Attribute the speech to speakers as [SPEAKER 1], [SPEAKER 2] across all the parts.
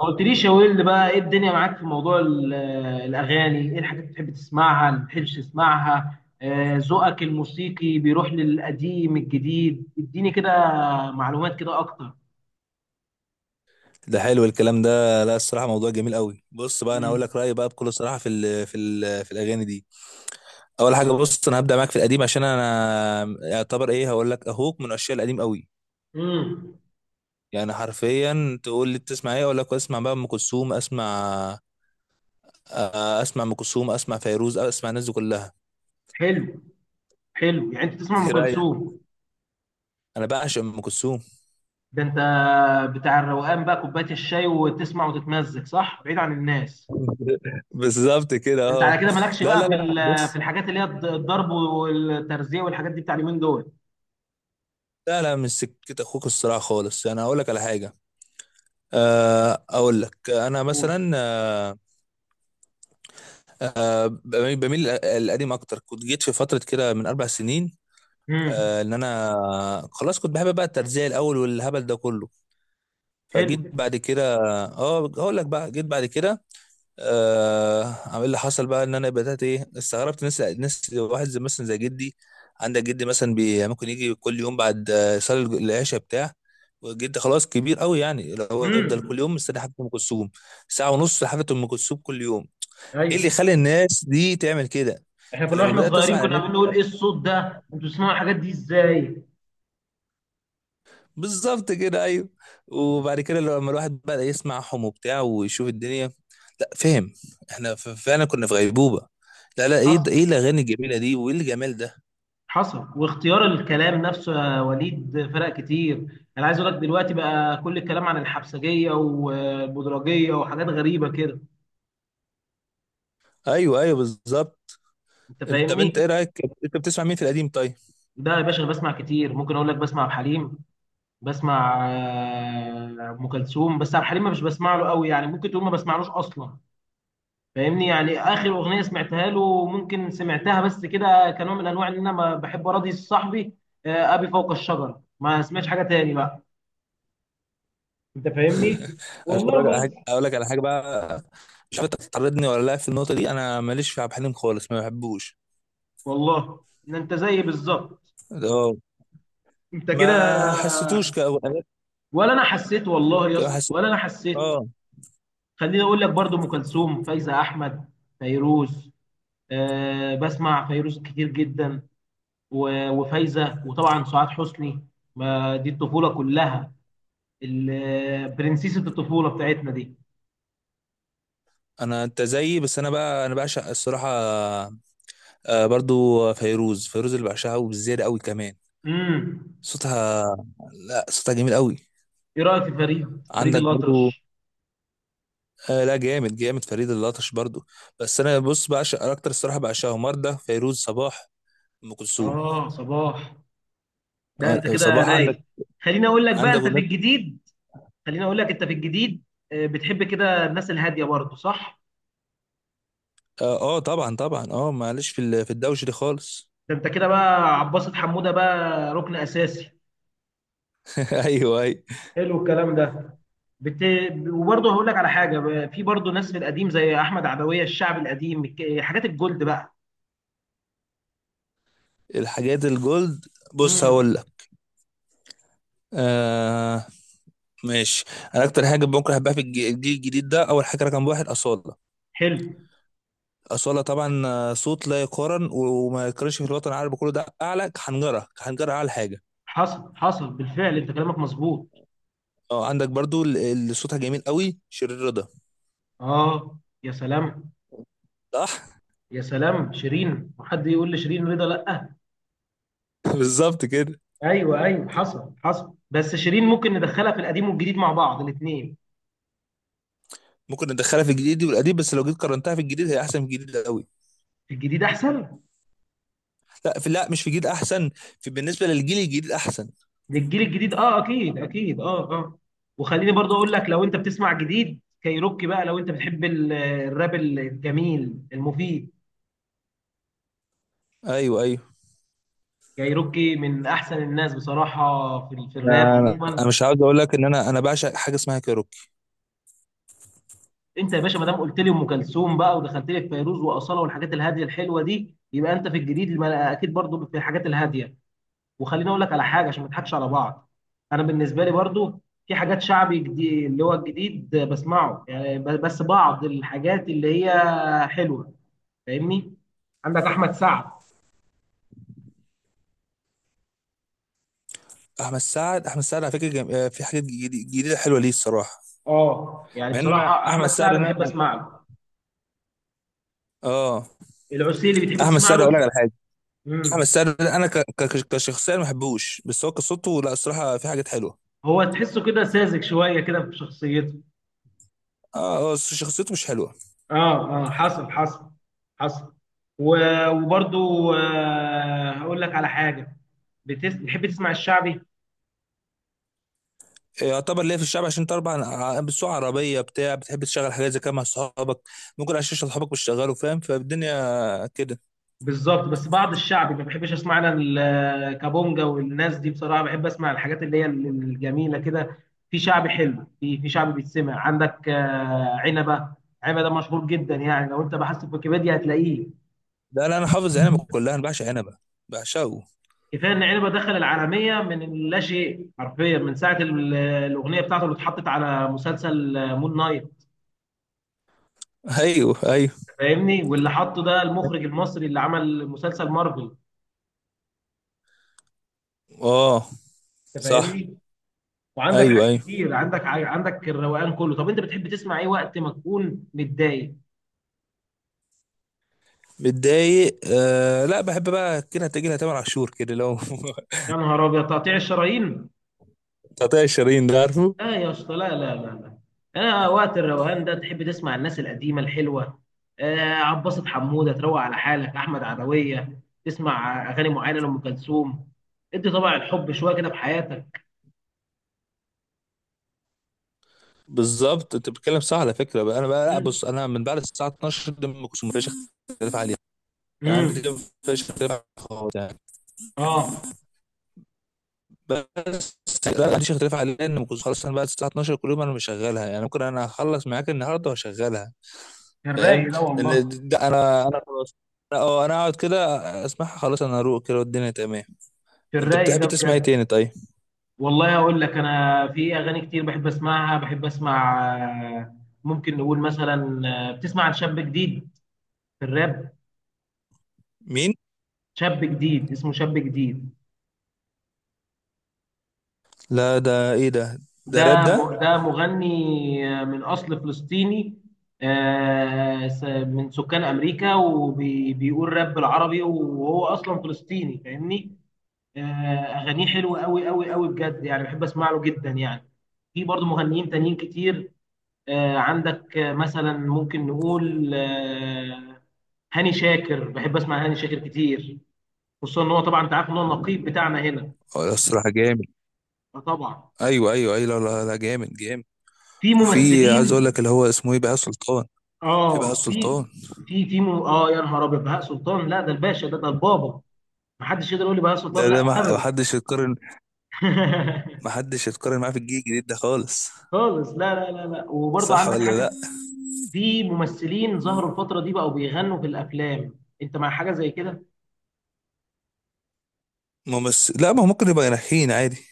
[SPEAKER 1] ما قلتليش يا ويل بقى، ايه الدنيا معاك في موضوع الاغاني؟ ايه الحاجات اللي بتحب تسمعها اللي ما بتحبش تسمعها؟ ذوقك الموسيقي بيروح للقديم الجديد، اديني كده معلومات كده اكتر.
[SPEAKER 2] ده حلو الكلام ده. لا الصراحه موضوع جميل قوي. بص بقى انا هقول
[SPEAKER 1] امم
[SPEAKER 2] لك رايي بقى بكل صراحه في الاغاني دي. اول حاجه، بص انا هبدا معاك في القديم، عشان انا يعتبر ايه هقول لك اهوك من الاشياء القديم قوي.
[SPEAKER 1] امم
[SPEAKER 2] يعني حرفيا تقول لي بتسمع ايه، اقول لك اسمع بقى ام كلثوم اسمع. اسمع ام كلثوم، اسمع فيروز، اسمع الناس دي كلها.
[SPEAKER 1] حلو، حلو يعني انت تسمع ام
[SPEAKER 2] ايه رايك؟
[SPEAKER 1] كلثوم؟
[SPEAKER 2] انا بعشق ام كلثوم.
[SPEAKER 1] ده انت بتاع الروقان بقى، كوبايه الشاي وتسمع وتتمزج، صح؟ بعيد عن الناس.
[SPEAKER 2] بالظبط كده،
[SPEAKER 1] ده انت على
[SPEAKER 2] اه.
[SPEAKER 1] كده مالكش
[SPEAKER 2] لا
[SPEAKER 1] بقى
[SPEAKER 2] لا
[SPEAKER 1] في
[SPEAKER 2] لا
[SPEAKER 1] في
[SPEAKER 2] بص.
[SPEAKER 1] الحاجات اللي هي الضرب والترزيه والحاجات دي بتاع اليومين دول.
[SPEAKER 2] لا مش سكت اخوك الصراحه خالص، يعني هقول لك على حاجه. اقول لك انا مثلا بميل القديم اكتر. كنت جيت في فتره كده من اربع سنين،
[SPEAKER 1] امم
[SPEAKER 2] ان انا خلاص كنت بحب بقى الترزيه الاول والهبل ده كله.
[SPEAKER 1] حلو.
[SPEAKER 2] فجيت بعد كده. اه هقول لك بقى جيت بعد كده، عامل اللي حصل بقى ان انا بدات ايه، استغربت ناس واحد زي مثلا زي جدي. عندك جدي مثلا بي ممكن يجي كل يوم بعد يصلي العشاء بتاع. وجدي خلاص كبير قوي، يعني اللي هو يفضل
[SPEAKER 1] امم
[SPEAKER 2] كل يوم مستني حفله ام كلثوم. ساعه ونص حفله ام كلثوم كل يوم. ايه اللي
[SPEAKER 1] ايوه.
[SPEAKER 2] يخلي الناس دي تعمل كده؟
[SPEAKER 1] احنا كنا
[SPEAKER 2] فلما
[SPEAKER 1] واحنا
[SPEAKER 2] بدات اسمع
[SPEAKER 1] صغيرين
[SPEAKER 2] عن
[SPEAKER 1] كنا
[SPEAKER 2] الناس،
[SPEAKER 1] عمالين نقول ايه الصوت ده، انتوا بتسمعوا الحاجات دي ازاي؟
[SPEAKER 2] بالظبط كده، ايوه. وبعد كده لما الواحد بدأ يسمع حم وبتاع ويشوف الدنيا، لا فهم، احنا فعلا كنا في غيبوبة. لا لا، ايه
[SPEAKER 1] حصل
[SPEAKER 2] ده، ايه الاغاني الجميلة دي، وايه الجمال ده.
[SPEAKER 1] حصل. واختيار الكلام نفسه يا وليد فرق كتير، انا عايز اقول لك دلوقتي بقى كل الكلام عن الحبسجيه والبدرجيه وحاجات غريبه كده،
[SPEAKER 2] ايوه ايوه بالظبط.
[SPEAKER 1] انت
[SPEAKER 2] انت طب انت ايه
[SPEAKER 1] فاهمني؟
[SPEAKER 2] رايك، انت بتسمع مين في القديم طيب؟
[SPEAKER 1] ده يا باشا انا بسمع كتير، ممكن اقول لك بسمع عبد الحليم، بسمع ام كلثوم، بس عبد الحليم ما مش بسمع له قوي، يعني ممكن تقول ما بسمعلوش اصلا، فاهمني؟ يعني اخر اغنيه سمعتها له ممكن سمعتها بس كده كنوع من انواع ان انا ما بحب اراضي صاحبي. ابي فوق الشجره، ما سمعتش حاجه تاني بقى. انت فاهمني؟
[SPEAKER 2] انا
[SPEAKER 1] والله.
[SPEAKER 2] بقولك على حاجه،
[SPEAKER 1] بس.
[SPEAKER 2] اقول لك على حاجه بقى. مش عارف انت هتطردني ولا لا في النقطه دي، انا ماليش في عبد الحليم خالص، ما بحبوش.
[SPEAKER 1] والله ان انت زيي بالظبط،
[SPEAKER 2] اه،
[SPEAKER 1] انت كده.
[SPEAKER 2] ما حسيتوش كأغنية.
[SPEAKER 1] ولا انا حسيت والله يا
[SPEAKER 2] ما
[SPEAKER 1] اسطى،
[SPEAKER 2] حسيت،
[SPEAKER 1] ولا انا حسيت.
[SPEAKER 2] اه.
[SPEAKER 1] خليني اقول لك برضو ام كلثوم، فايزه احمد، فيروز. أه، بسمع فيروز كتير جدا. وفايزه، وطبعا سعاد حسني، ما دي الطفوله كلها. برنسيسة الطفولة بتاعتنا دي.
[SPEAKER 2] انا انت زيي، بس انا بقى انا بعشق الصراحه برضو فيروز اللي بعشقها، وبالزيادة قوي كمان.
[SPEAKER 1] امم
[SPEAKER 2] صوتها، لا صوتها جميل قوي.
[SPEAKER 1] ايه رأيك في فريد، فريد
[SPEAKER 2] عندك برضو
[SPEAKER 1] الأطرش؟
[SPEAKER 2] لا، جامد فريد الأطرش برضو. بس انا بص، بعشق اكتر الصراحة، بعشقها مرده فيروز، صباح، ام كلثوم.
[SPEAKER 1] اه، صباح. ده انت كده
[SPEAKER 2] صباح عندك.
[SPEAKER 1] رايق. خليني اقول لك بقى
[SPEAKER 2] عندك
[SPEAKER 1] انت في
[SPEAKER 2] اغنية؟
[SPEAKER 1] الجديد. خليني اقول لك انت في الجديد. بتحب كده الناس الهادية برضه، صح؟
[SPEAKER 2] اه طبعا طبعا، اه، معلش في الدوش دي خالص.
[SPEAKER 1] ده انت كده بقى عباسة حمودة بقى ركن أساسي.
[SPEAKER 2] ايوه ايوه.
[SPEAKER 1] حلو الكلام ده. بت... وبرضه هقول لك على حاجة، في برضه ناس في القديم زي أحمد عدوية، الشعب القديم، حاجات الجولد بقى.
[SPEAKER 2] الحاجات الجولد، بص
[SPEAKER 1] امم
[SPEAKER 2] هقول لك. آه، ماشي. انا اكتر حاجه ممكن احبها في الجيل الجديد ده، اول حاجه رقم واحد اصاله.
[SPEAKER 1] حلو.
[SPEAKER 2] أصالة طبعا، صوت لا يقارن، وما يقارنش في الوطن العربي كله، ده أعلى حنجرة أعلى حاجة.
[SPEAKER 1] حصل حصل بالفعل، انت كلامك مظبوط.
[SPEAKER 2] اه عندك برضو اللي صوتها جميل قوي، شيرين رضا،
[SPEAKER 1] اه، يا سلام.
[SPEAKER 2] صح؟
[SPEAKER 1] يا سلام، شيرين. وحد يقول لشيرين رضا لا؟
[SPEAKER 2] بالظبط كده.
[SPEAKER 1] ايوه ايوه، حصل حصل، بس شيرين ممكن ندخلها في القديم والجديد مع بعض الاثنين.
[SPEAKER 2] ممكن ندخلها في الجديد والقديم، بس لو جيت قارنتها في الجديد هي أحسن في الجديد قوي.
[SPEAKER 1] الجديد احسن.
[SPEAKER 2] لا في، لا مش في الجديد أحسن، في بالنسبة للجيل الجديد أحسن.
[SPEAKER 1] للجيل الجديد، اه اكيد اكيد، اه اه. وخليني برضه اقول لك لو انت بتسمع جديد كايروكي بقى، لو انت بتحب الراب الجميل المفيد.
[SPEAKER 2] أيوه أيوه.
[SPEAKER 1] كايروكي من احسن الناس بصراحه في في الراب
[SPEAKER 2] أنا
[SPEAKER 1] عموما.
[SPEAKER 2] انا مش عاوز اقول لك ان انا بعشق حاجه اسمها كايروكي.
[SPEAKER 1] انت يا باشا ما دام قلت لي ام كلثوم بقى، ودخلت لي في فيروز واصاله والحاجات الهاديه الحلوه دي، يبقى انت في الجديد اكيد برضو في الحاجات الهاديه. وخليني اقول لك على حاجه عشان ما نضحكش على بعض، انا بالنسبه لي برضو في حاجات شعبي جديد اللي هو الجديد بسمعه، يعني بس بعض الحاجات اللي هي حلوه، فاهمني؟ عندك احمد سعد.
[SPEAKER 2] احمد سعد على فكره في حاجات جديده حلوه ليه الصراحه.
[SPEAKER 1] اه يعني
[SPEAKER 2] مع ان انا
[SPEAKER 1] بصراحه
[SPEAKER 2] احمد
[SPEAKER 1] احمد
[SPEAKER 2] سعد
[SPEAKER 1] سعد
[SPEAKER 2] انا،
[SPEAKER 1] بحب اسمع له.
[SPEAKER 2] اه.
[SPEAKER 1] العسيلي بتحب
[SPEAKER 2] احمد
[SPEAKER 1] تسمع
[SPEAKER 2] سعد اقول لك
[SPEAKER 1] له؟
[SPEAKER 2] على حاجه،
[SPEAKER 1] امم
[SPEAKER 2] بس انا كشخصيه ما بحبوش، بس هو كصوته لا الصراحه في حاجات حلوه.
[SPEAKER 1] هو تحسه كده ساذج شويه كده في شخصيته.
[SPEAKER 2] اه هو شخصيته مش حلوه.
[SPEAKER 1] اه اه حصل حصل. حصل. وبرضو آه هقول لك على حاجه. بتحب تسمع الشعبي؟
[SPEAKER 2] يعتبر ليه في الشعب، عشان طبعا بتسوق عربيه بتاع، بتحب تشغل حاجات زي كده مع اصحابك. ممكن عشان اصحابك مش شغالوا فاهم، فالدنيا كده.
[SPEAKER 1] بالظبط، بس بعض الشعبي ما بحبش اسمع انا، الكابونجا والناس دي بصراحه، بحب اسمع الحاجات اللي هي الجميله كده. في شعبي حلو، في شعبي بيتسمع، عندك آه عنبه. عنبه ده مشهور جدا، يعني لو انت بحثت في ويكيبيديا هتلاقيه.
[SPEAKER 2] لا انا حافظ عنب كلها، انا بعشق عنب، بعشقه.
[SPEAKER 1] كفايه ان عنبه دخل العالميه من لا شيء حرفيا من ساعه الاغنيه بتاعته اللي اتحطت على مسلسل مون نايت.
[SPEAKER 2] ايوه ايوه،
[SPEAKER 1] فاهمني؟ واللي حطه ده المخرج المصري اللي عمل مسلسل مارفل.
[SPEAKER 2] اه
[SPEAKER 1] انت
[SPEAKER 2] صح.
[SPEAKER 1] فاهمني؟ وعندك
[SPEAKER 2] ايوه
[SPEAKER 1] حاجات
[SPEAKER 2] ايوه
[SPEAKER 1] كتير، عندك عندك الروقان كله. طب انت بتحب تسمع ايه وقت ما تكون متضايق؟
[SPEAKER 2] متضايق، آه لا بحب بقى كده تجي لها تامر عاشور كده لو.
[SPEAKER 1] يا نهار ابيض، تقطيع الشرايين!
[SPEAKER 2] تقطيع الشرايين ده، عارفه.
[SPEAKER 1] لا يا اسطى، لا لا لا لا. انا وقت الروقان ده تحب تسمع الناس القديمه الحلوه، آه عباسة حموده تروق على حالك، احمد عدويه، تسمع اغاني معينه لام كلثوم، ادي طبع الحب شويه كده في حياتك.
[SPEAKER 2] بالظبط، انت بتتكلم صح على فكره بقى. انا بقى لا
[SPEAKER 1] امم
[SPEAKER 2] بص، انا من بعد الساعه 12 دي ما كنتش مفيش اختلاف عليها. يعني عندي دي،
[SPEAKER 1] امم
[SPEAKER 2] مفيش اختلاف عليها خالص يعني.
[SPEAKER 1] اه.
[SPEAKER 2] بس، لا ما عنديش اختلاف عليها، ان ما كنتش خلاص، انا بعد الساعه 12 كل يوم انا مشغلها. يعني ممكن انا اخلص معاك النهارده واشغلها،
[SPEAKER 1] في
[SPEAKER 2] فاهم.
[SPEAKER 1] الرايق ده والله.
[SPEAKER 2] لان ده انا انا خلاص، اه انا اقعد كده اسمعها، خلاص انا اروق كده والدنيا تمام.
[SPEAKER 1] في
[SPEAKER 2] انت
[SPEAKER 1] الرايق
[SPEAKER 2] بتحب
[SPEAKER 1] ده
[SPEAKER 2] تسمع ايه
[SPEAKER 1] بجد.
[SPEAKER 2] تاني طيب؟
[SPEAKER 1] والله هقول لك، انا في اغاني كتير بحب اسمعها، بحب اسمع آه، ممكن نقول مثلا بتسمع عن شاب جديد في الراب؟
[SPEAKER 2] مين؟
[SPEAKER 1] شاب جديد اسمه شاب جديد.
[SPEAKER 2] لا ده ايه ده،
[SPEAKER 1] ده
[SPEAKER 2] ده راب ده؟
[SPEAKER 1] ده مغني من اصل فلسطيني، من سكان امريكا وبيقول راب بالعربي وهو اصلا فلسطيني، فاهمني؟ آه، اغانيه حلوه قوي قوي قوي بجد، يعني بحب اسمع له جدا يعني. في برضه مغنيين تانيين كتير. عندك مثلا ممكن نقول هاني شاكر، بحب اسمع هاني شاكر كتير، خصوصا ان هو طبعا انت عارف ان هو النقيب بتاعنا هنا.
[SPEAKER 2] اه الصراحه جامد.
[SPEAKER 1] فطبعا
[SPEAKER 2] ايوه ايوه ايوه، لا جامد جامد.
[SPEAKER 1] في
[SPEAKER 2] وفي عايز اقول
[SPEAKER 1] ممثلين.
[SPEAKER 2] لك اللي هو اسمه ايه، بهاء سلطان. في بهاء
[SPEAKER 1] اه في
[SPEAKER 2] سلطان.
[SPEAKER 1] في اه يا نهار ابيض، بهاء سلطان! لا ده الباشا، ده البابا. محدش يقدر يقول لي بهاء سلطان
[SPEAKER 2] ده ده ما
[SPEAKER 1] لا
[SPEAKER 2] ما
[SPEAKER 1] ابدا.
[SPEAKER 2] حدش يتقارن، ما حدش يتقارن معاه في الجيل الجديد ده خالص.
[SPEAKER 1] خالص، لا لا لا لا. وبرضه
[SPEAKER 2] صح
[SPEAKER 1] عندك
[SPEAKER 2] ولا لا؟
[SPEAKER 1] حاجه، في ممثلين ظهروا الفتره دي بقوا بيغنوا في الافلام، انت مع حاجه زي كده؟
[SPEAKER 2] ممثل لا، ما هو ممكن يبقى ناجحين عادي.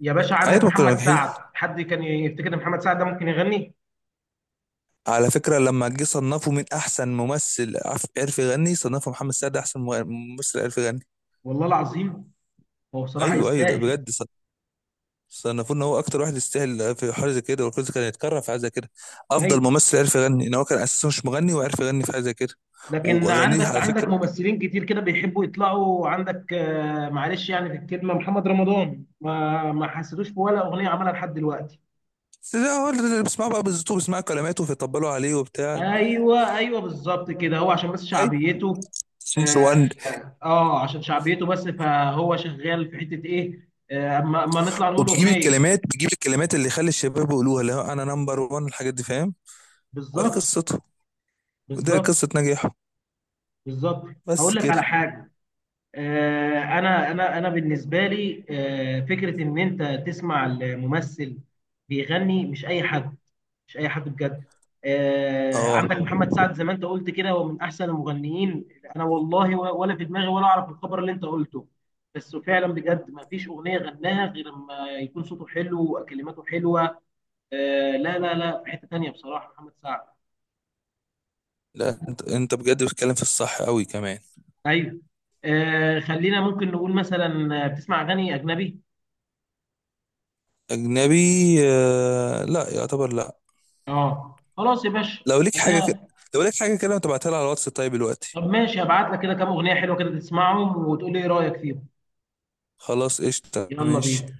[SPEAKER 1] يا باشا عندك
[SPEAKER 2] عادي، ممكن يبقى
[SPEAKER 1] محمد
[SPEAKER 2] ناجحين.
[SPEAKER 1] سعد، حد كان يفتكر ان محمد سعد ده ممكن يغني؟
[SPEAKER 2] على فكرة لما جه صنفوا من أحسن ممثل عرف يغني، صنفوا محمد سعد أحسن ممثل عرف يغني.
[SPEAKER 1] والله العظيم، هو بصراحه
[SPEAKER 2] أيوه أيوه ده
[SPEAKER 1] يستاهل.
[SPEAKER 2] بجد، صنفوه إن هو أكتر واحد يستاهل في حاجة زي كده، والكل كان يتكرر في حاجة زي كده. أفضل
[SPEAKER 1] ايوه.
[SPEAKER 2] ممثل عرف يغني، إن هو كان أساسا مش مغني وعرف يغني في حاجة زي كده.
[SPEAKER 1] لكن
[SPEAKER 2] وأغانيه
[SPEAKER 1] عندك
[SPEAKER 2] على
[SPEAKER 1] عندك
[SPEAKER 2] فكرة،
[SPEAKER 1] ممثلين كتير كده بيحبوا يطلعوا، عندك معلش يعني في الكلمه محمد رمضان، ما حسيتوش في ولا اغنيه عملها لحد دلوقتي.
[SPEAKER 2] بس ده هو اللي بيسمعوا بقى بالظبط، وبيسمعوا كلماته فيطبلوا عليه وبتاع.
[SPEAKER 1] ايوه ايوه بالظبط كده، هو عشان بس
[SPEAKER 2] اي،
[SPEAKER 1] شعبيته.
[SPEAKER 2] نمبر
[SPEAKER 1] اه.
[SPEAKER 2] 1.
[SPEAKER 1] عشان شعبيته بس، فهو شغال في حته ايه؟ اما أما نطلع نقول
[SPEAKER 2] وبيجيب
[SPEAKER 1] اغنيه.
[SPEAKER 2] الكلمات بيجيب الكلمات اللي يخلي الشباب يقولوها، اللي هو انا نمبر 1 الحاجات دي، فاهم. ودي
[SPEAKER 1] بالظبط
[SPEAKER 2] قصته، ودي قصة
[SPEAKER 1] بالظبط
[SPEAKER 2] نجاحه،
[SPEAKER 1] بالظبط.
[SPEAKER 2] بس
[SPEAKER 1] هقول لك
[SPEAKER 2] كده.
[SPEAKER 1] على حاجه، انا بالنسبه لي فكره ان انت تسمع الممثل بيغني، مش اي حد، مش اي حد بجد.
[SPEAKER 2] اه
[SPEAKER 1] عندك محمد سعد زي ما انت قلت كده، هو من احسن المغنيين. انا والله ولا في دماغي ولا اعرف الخبر اللي انت قلته. بس فعلا بجد ما فيش اغنيه غناها غير لما يكون صوته حلو وكلماته حلوه. لا لا لا، في حته تانيه بصراحه محمد سعد.
[SPEAKER 2] لا، انت انت بجد بتتكلم في الصح قوي كمان.
[SPEAKER 1] ايوه. خلينا ممكن نقول مثلا بتسمع اغاني اجنبي؟
[SPEAKER 2] اجنبي؟ آه لا يعتبر لا.
[SPEAKER 1] اه خلاص يا باشا،
[SPEAKER 2] لو ليك حاجة كده،
[SPEAKER 1] خليها.
[SPEAKER 2] لو ليك حاجة كده ما تبعتها لي على الواتس طيب دلوقتي.
[SPEAKER 1] طب ماشي، هبعت لك كده كام اغنيه حلوه كده، تسمعهم وتقول لي ايه رايك فيهم.
[SPEAKER 2] خلاص قشطة،
[SPEAKER 1] يلا
[SPEAKER 2] ماشي.
[SPEAKER 1] بينا.